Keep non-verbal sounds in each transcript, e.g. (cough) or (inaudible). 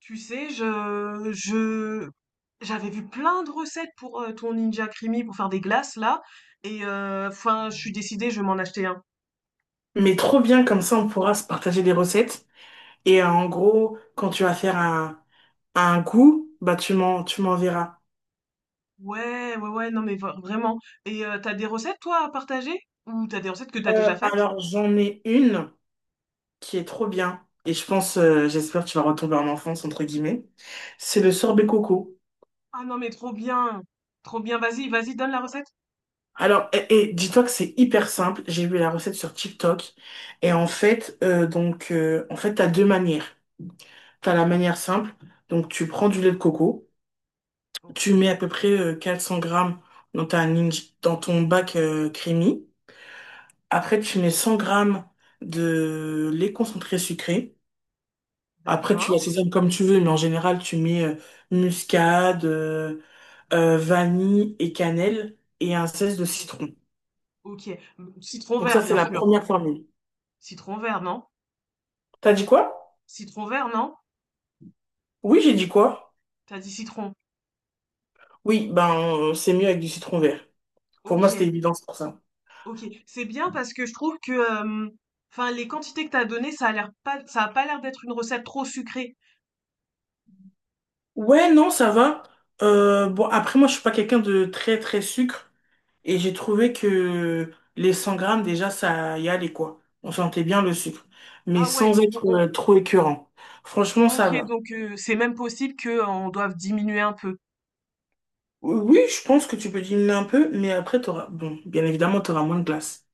Tu sais, j'avais vu plein de recettes pour ton Ninja Creamy pour faire des glaces là, et je suis décidée, je vais m'en acheter un. Mais trop bien, comme ça on pourra se partager des recettes. En gros, quand tu vas faire un goût, bah tu m'enverras. Ouais, ouais, ouais, non mais vraiment. Et t'as des recettes toi à partager? Ou t'as des recettes que t'as déjà faites? Alors j'en ai une qui est trop bien. Et je pense, j'espère que tu vas retomber en enfance, entre guillemets. C'est le sorbet coco. Ah non mais trop bien, trop bien. Vas-y, vas-y, donne la recette. Alors, et dis-toi que c'est hyper simple. J'ai vu la recette sur TikTok. Et en fait, en fait, t'as deux manières. T'as la manière simple. Donc, tu prends du lait de coco. Ok, Tu mets à peu près 400 grammes dans dans ton bac creamy. Après, tu mets 100 grammes de lait concentré sucré. Après, tu d'accord. assaisonnes comme tu veux, mais en général, tu mets muscade, vanille et cannelle et un zeste de citron. Ok. Mm, citron Donc ça, vert c'est bien la sûr. première formule. Citron vert, non? T'as dit quoi? Citron vert, non? Oui, j'ai dit quoi? T'as dit citron. Oui, ben, c'est mieux avec du citron vert. Pour moi, Ok. c'était évident, c'est pour ça. Ok, c'est bien parce que je trouve que, les quantités que t'as données, ça a pas l'air d'être une recette trop sucrée. Ouais, non, ça va. Bon, après, moi, je suis pas quelqu'un de très, très sucre. Et j'ai trouvé que les 100 grammes, déjà, ça y allait, quoi. On sentait bien le sucre. Mais Ah ouais, sans être trop écœurant. Franchement, ça ok, va. donc c'est même possible que on doive diminuer un peu. Oui, oui, je pense que tu peux diminuer un peu, mais après, t'auras... Bon, bien évidemment, t'auras moins de glace.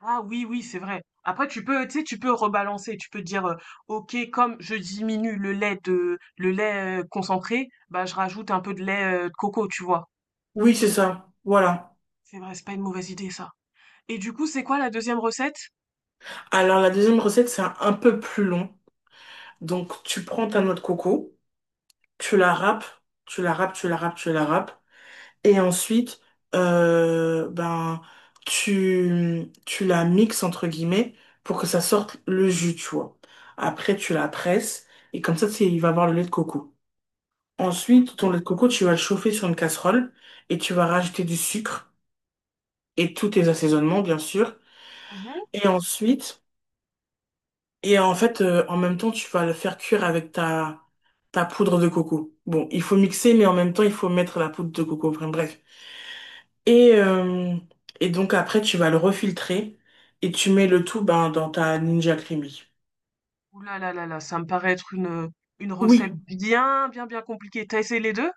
Ah oui, oui, c'est vrai. Après, tu peux, tu sais, tu peux rebalancer. Tu peux dire, ok, comme je diminue le lait concentré, bah je rajoute un peu de lait de coco, tu vois. Oui, c'est ça. Voilà. C'est vrai, c'est pas une mauvaise idée ça. Et du coup, c'est quoi la deuxième recette? Alors, la deuxième recette, c'est un peu plus long. Donc, tu prends ta noix de coco, tu la râpes, tu la râpes, tu la râpes, tu la râpes. Et ensuite, ben, tu la mixes entre guillemets pour que ça sorte le jus, tu vois. Après, tu la presses et comme ça, c'est il va avoir le lait de coco. Ensuite, ton lait de coco, tu vas le chauffer sur une casserole et tu vas rajouter du sucre et tous tes assaisonnements, bien sûr. Ok. Et ensuite, en fait, en même temps, tu vas le faire cuire avec ta poudre de coco. Bon, il faut mixer, mais en même temps, il faut mettre la poudre de coco. Enfin, bref. Et, euh, et donc après, tu vas le refiltrer et tu mets le tout ben, dans ta Ninja Creamy. Ouh là là là là, ça me paraît être une recette Oui, bien, bien, bien compliquée. T'as essayé les deux.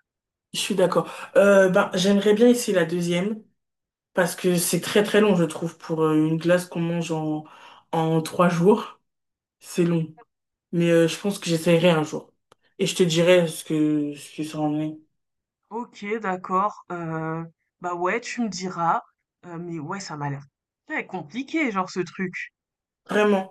je suis d'accord. Ben, j'aimerais bien essayer la deuxième parce que c'est très très long, je trouve, pour une glace qu'on mange en 3 jours. C'est long. Mais je pense que j'essaierai un jour. Et je te dirai ce que ça en est. OK, d'accord, bah, ouais, tu me diras, mais ouais, ça m'a l'air très compliqué, genre, ce truc. Vraiment.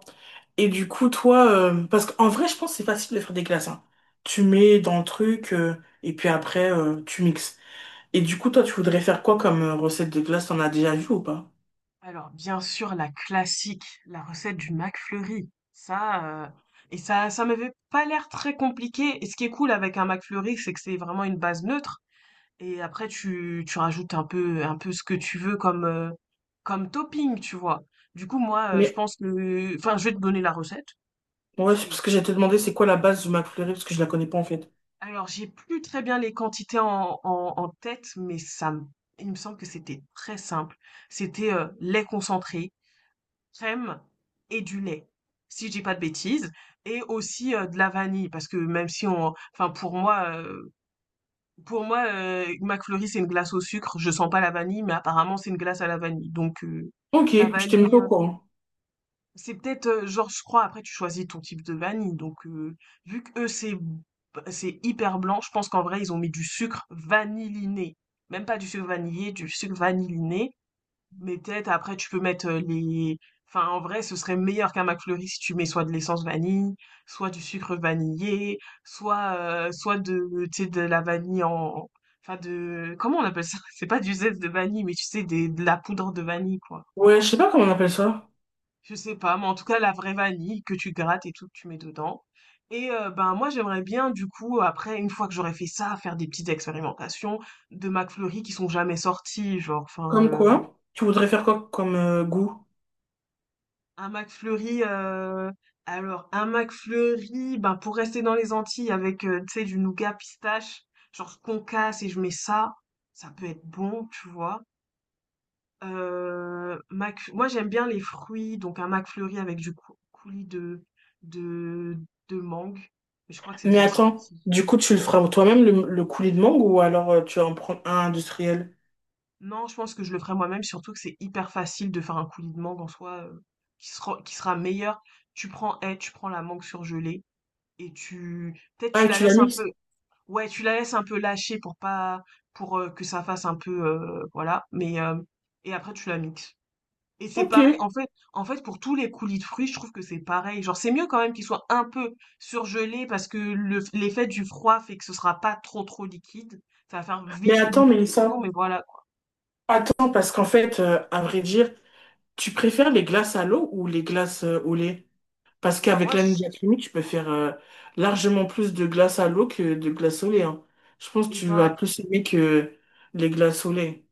Et du coup, toi, parce qu'en vrai, je pense que c'est facile de faire des glaces, hein. Tu mets dans le truc et puis après, tu mixes. Et du coup, toi, tu voudrais faire quoi comme recette de glace? T'en as déjà vu ou pas? Alors, bien sûr, la classique, la recette du McFlurry. Et ça m'avait pas l'air très compliqué et ce qui est cool avec un McFlurry, c'est que c'est vraiment une base neutre. Et après tu rajoutes un peu ce que tu veux comme, comme topping, tu vois? Du coup, moi, je Mais pense que enfin, je vais te donner la recette. ouais, c'est C'est parce que j'allais te demander c'est quoi la base du McFlurry parce que je la connais pas en fait. alors j'ai plus très bien les quantités en tête, mais ça me il me semble que c'était très simple. C'était, lait concentré, crème et du lait, si je dis pas de bêtises et aussi, de la vanille parce que même si on enfin pour moi, pour moi, McFlurry, c'est une glace au sucre. Je sens pas la vanille, mais apparemment, c'est une glace à la vanille. Donc, Ok, de la je t'ai mis vanille, pas au courant. c'est peut-être, genre, je crois, après, tu choisis ton type de vanille. Donc, vu que c'est hyper blanc, je pense qu'en vrai, ils ont mis du sucre vanilliné. Même pas du sucre vanillé, du sucre vanilliné. Mais peut-être après tu peux mettre, les enfin en vrai ce serait meilleur qu'un McFlurry si tu mets soit de l'essence vanille, soit du sucre vanillé, soit de tu sais de la vanille en enfin de comment on appelle ça? (laughs) C'est pas du zeste de vanille, mais tu sais des de la poudre de vanille quoi. Ouais, je sais pas comment on appelle ça. Je sais pas, mais en tout cas la vraie vanille que tu grattes et tout que tu mets dedans et ben moi j'aimerais bien du coup après une fois que j'aurais fait ça, faire des petites expérimentations de McFlurry qui sont jamais sortis genre enfin. Comme quoi? Tu voudrais faire quoi comme goût? Un McFlurry, alors un McFlurry, ben, pour rester dans les Antilles avec, tu sais, du nougat pistache, genre ce qu'on casse et je mets ça, ça peut être bon, tu vois? Mcf moi j'aime bien les fruits, donc un McFlurry avec du cou coulis de de mangue, mais je crois que c'est Mais déjà attends, sorti. du coup, tu le feras toi-même le coulis de mangue ou alors tu vas en prendre un industriel? Non, je pense que je le ferai moi-même, surtout que c'est hyper facile de faire un coulis de mangue en soi, qui sera meilleur. Tu prends la mangue surgelée et tu peut-être Ah, tu et la tu l'as laisses un mixes? peu. Ouais, tu la laisses un peu lâcher pour pas pour, que ça fasse un peu, voilà, mais hem et après tu la mixes et c'est Ok. pareil, en fait, pour tous les coulis de fruits, je trouve que c'est pareil. Genre, c'est mieux quand même qu'ils soient un peu surgelés parce que le f l'effet du froid fait que ce sera pas trop, trop liquide. Ça va faire Mais vite une attends, Mélissa. liquéfaction, mais voilà, quoi. Attends, parce qu'en fait, à vrai dire, tu préfères les glaces à l'eau ou les glaces au lait? Parce Et ben, qu'avec moi, la je Ninja Creamy, tu peux faire largement plus de glaces à l'eau que de glaces au lait, hein. Je pense que et tu vas ben plus aimer que les glaces au lait.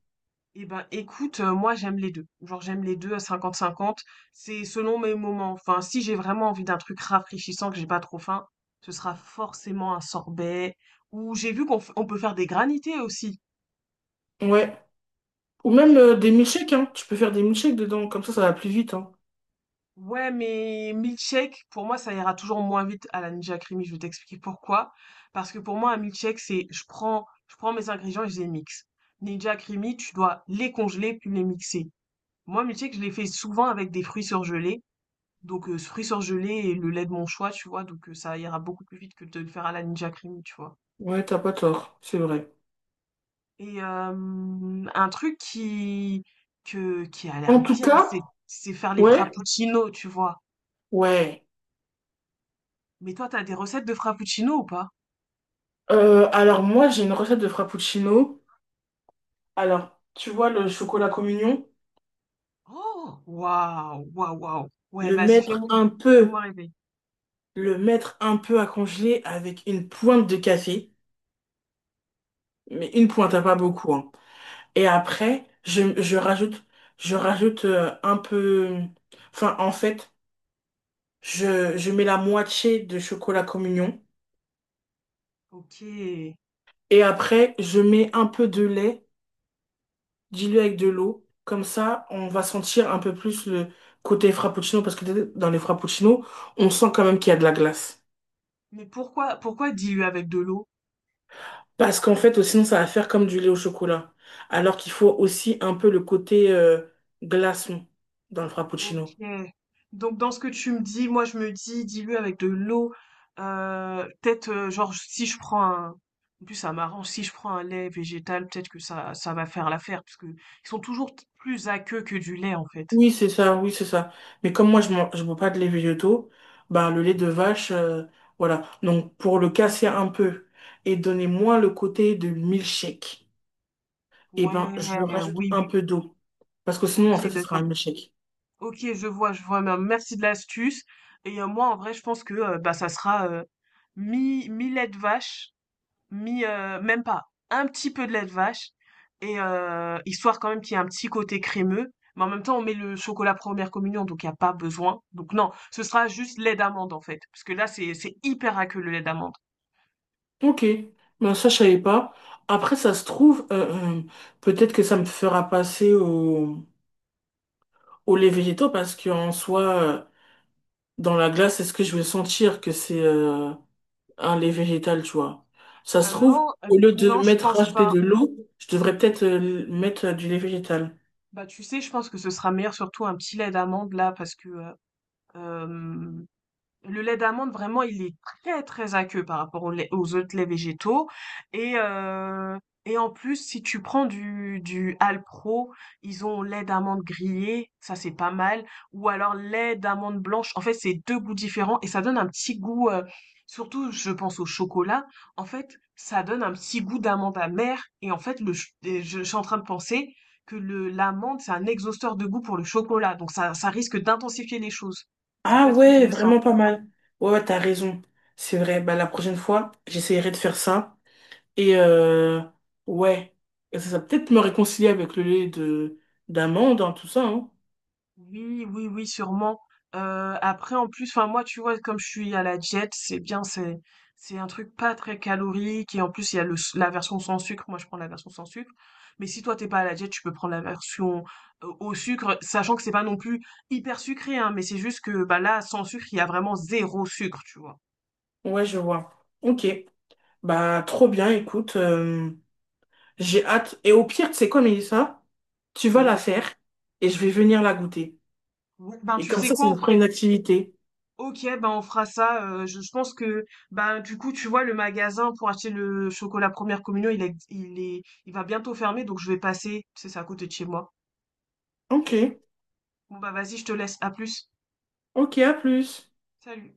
Eh ben, écoute, moi j'aime les deux. Genre j'aime les deux à 50-50. C'est selon mes moments. Enfin, si j'ai vraiment envie d'un truc rafraîchissant, que j'ai pas trop faim, ce sera forcément un sorbet. Ou j'ai vu qu'on peut faire des granités aussi. Ouais. Ou même Eh ben, des milkshakes, hein. Tu peux faire des milkshakes dedans, comme ça va plus vite, hein. Ouais, mais milkshake, pour moi, ça ira toujours moins vite à la Ninja Creamy. Je vais t'expliquer pourquoi. Parce que pour moi, un milkshake, je prends mes ingrédients et je les mixe. Ninja Creamy, tu dois les congeler puis les mixer. Moi, milkshake, je les fais souvent avec des fruits surgelés. Donc fruits surgelés et le lait de mon choix, tu vois? Donc ça ira beaucoup plus vite que de le faire à la Ninja cream, tu vois? Ouais, t'as pas tort, c'est vrai. Et un truc qui a l'air En tout bien, cas, c'est faire les ouais, frappuccinos, tu vois? ouais. Mais toi, t'as des recettes de frappuccinos ou pas? Alors moi, j'ai une recette de frappuccino. Alors, tu vois le chocolat communion? Oh! Waouh! Waouh, waouh! Ouais, Le vas-y, mettre un fais-moi peu rêver. le mettre un peu à congeler avec une pointe de café, mais une pointe, hein, Mais pas beaucoup, hein. Et après, je rajoute en fait, je mets la moitié de chocolat communion OK. et après, je mets un peu de lait dilué avec de l'eau. Comme ça, on va sentir un peu plus le côté frappuccino parce que dans les frappuccinos, on sent quand même qu'il y a de la glace. Mais pourquoi diluer avec de l'eau? Parce qu'en fait, sinon, ça va faire comme du lait au chocolat. Alors qu'il faut aussi un peu le côté glaçon dans le OK. frappuccino. Donc dans ce que tu me dis, moi je me dis dilue avec de l'eau. Peut-être genre si je prends un… En plus ça m'arrange, si je prends un lait végétal, peut-être que ça va faire l'affaire, parce que ils sont toujours plus aqueux que du lait en fait. Oui, c'est ça, oui, c'est ça. Mais comme moi, je bois pas de lait végétaux, bah, le lait de vache, voilà. Donc, pour le casser un peu et donner moins le côté de milkshake. Et Ouais, ben je rajoute oui, un oui. peu d'eau. Parce que Ok, sinon, en fait, ce sera d'accord. un échec. Ok, je vois, je vois. Mais, merci de l'astuce. Et moi en vrai je pense que bah ça sera mi lait de vache même pas, un petit peu de lait de vache, et histoire quand même qu'il y ait un petit côté crémeux. Mais en même temps, on met le chocolat première communion, donc il n'y a pas besoin. Donc non, ce sera juste lait d'amande en fait, parce que là, c'est hyper aqueux le lait d'amande. Ok, ben ça je savais pas. Après, ça se trouve, peut-être que ça me fera passer au lait végétaux parce qu'en soi, euh, dans la glace, est-ce que je vais sentir que c'est ah, lait végétal tu vois. Ça Ah se trouve, non, au lieu de non, je mettre pense rajouter pas. de l'eau, je devrais peut-être mettre du lait végétal. Bah, tu sais, je pense que ce sera meilleur surtout un petit lait d'amande là parce que, hem, le lait d'amande, vraiment, il est très, très aqueux par rapport au lait aux autres laits végétaux et heu et en plus, si tu prends du Alpro, ils ont lait d'amande grillé, ça, c'est pas mal ou alors lait d'amande blanche. En fait, c'est 2 goûts différents et ça donne un petit goût, surtout je pense au chocolat, en fait, ça donne un petit goût d'amande amère et en fait, le ch et je suis en train de penser que le l'amande, c'est un exhausteur de goût pour le chocolat donc ça risque d'intensifier les choses. Ça peut Ah être ouais, intéressant. vraiment pas mal. Ouais, ouais, t'as raison. C'est vrai, bah la prochaine fois, j'essaierai de faire ça. Et euh, ouais, Et ça va peut-être me réconcilier avec le lait de d'amande, hein, tout ça, hein. Oui, oui, oui, sûrement. Heu, après, en plus, enfin, moi, tu vois, comme je suis à la diète, c'est bien, c'est un truc pas très calorique et en plus, il y a le s la version sans sucre. Moi, je prends la version sans sucre, mais si toi, t'es pas à la diète, tu peux prendre la version, au sucre, sachant que c'est pas non plus hyper sucré, hein, mais c'est juste que, bah, là, sans sucre, il y a vraiment zéro sucre, tu vois? Ouais, je vois. Ok. Bah trop bien, écoute. J'ai hâte. Et au pire, tu sais quoi, Mélissa? Tu vas la Oui. faire et je vais venir la goûter. Oui, ben, Et tu comme sais ça quoi? nous On fera fait. une activité. Ok, ben on fera ça. Je pense que ben du coup tu vois le magasin pour acheter le chocolat première communion il est il va bientôt fermer donc je vais passer c'est ça, à côté de chez moi. Ok, Bon bah vas-y je te laisse à plus. ok, à plus. Salut.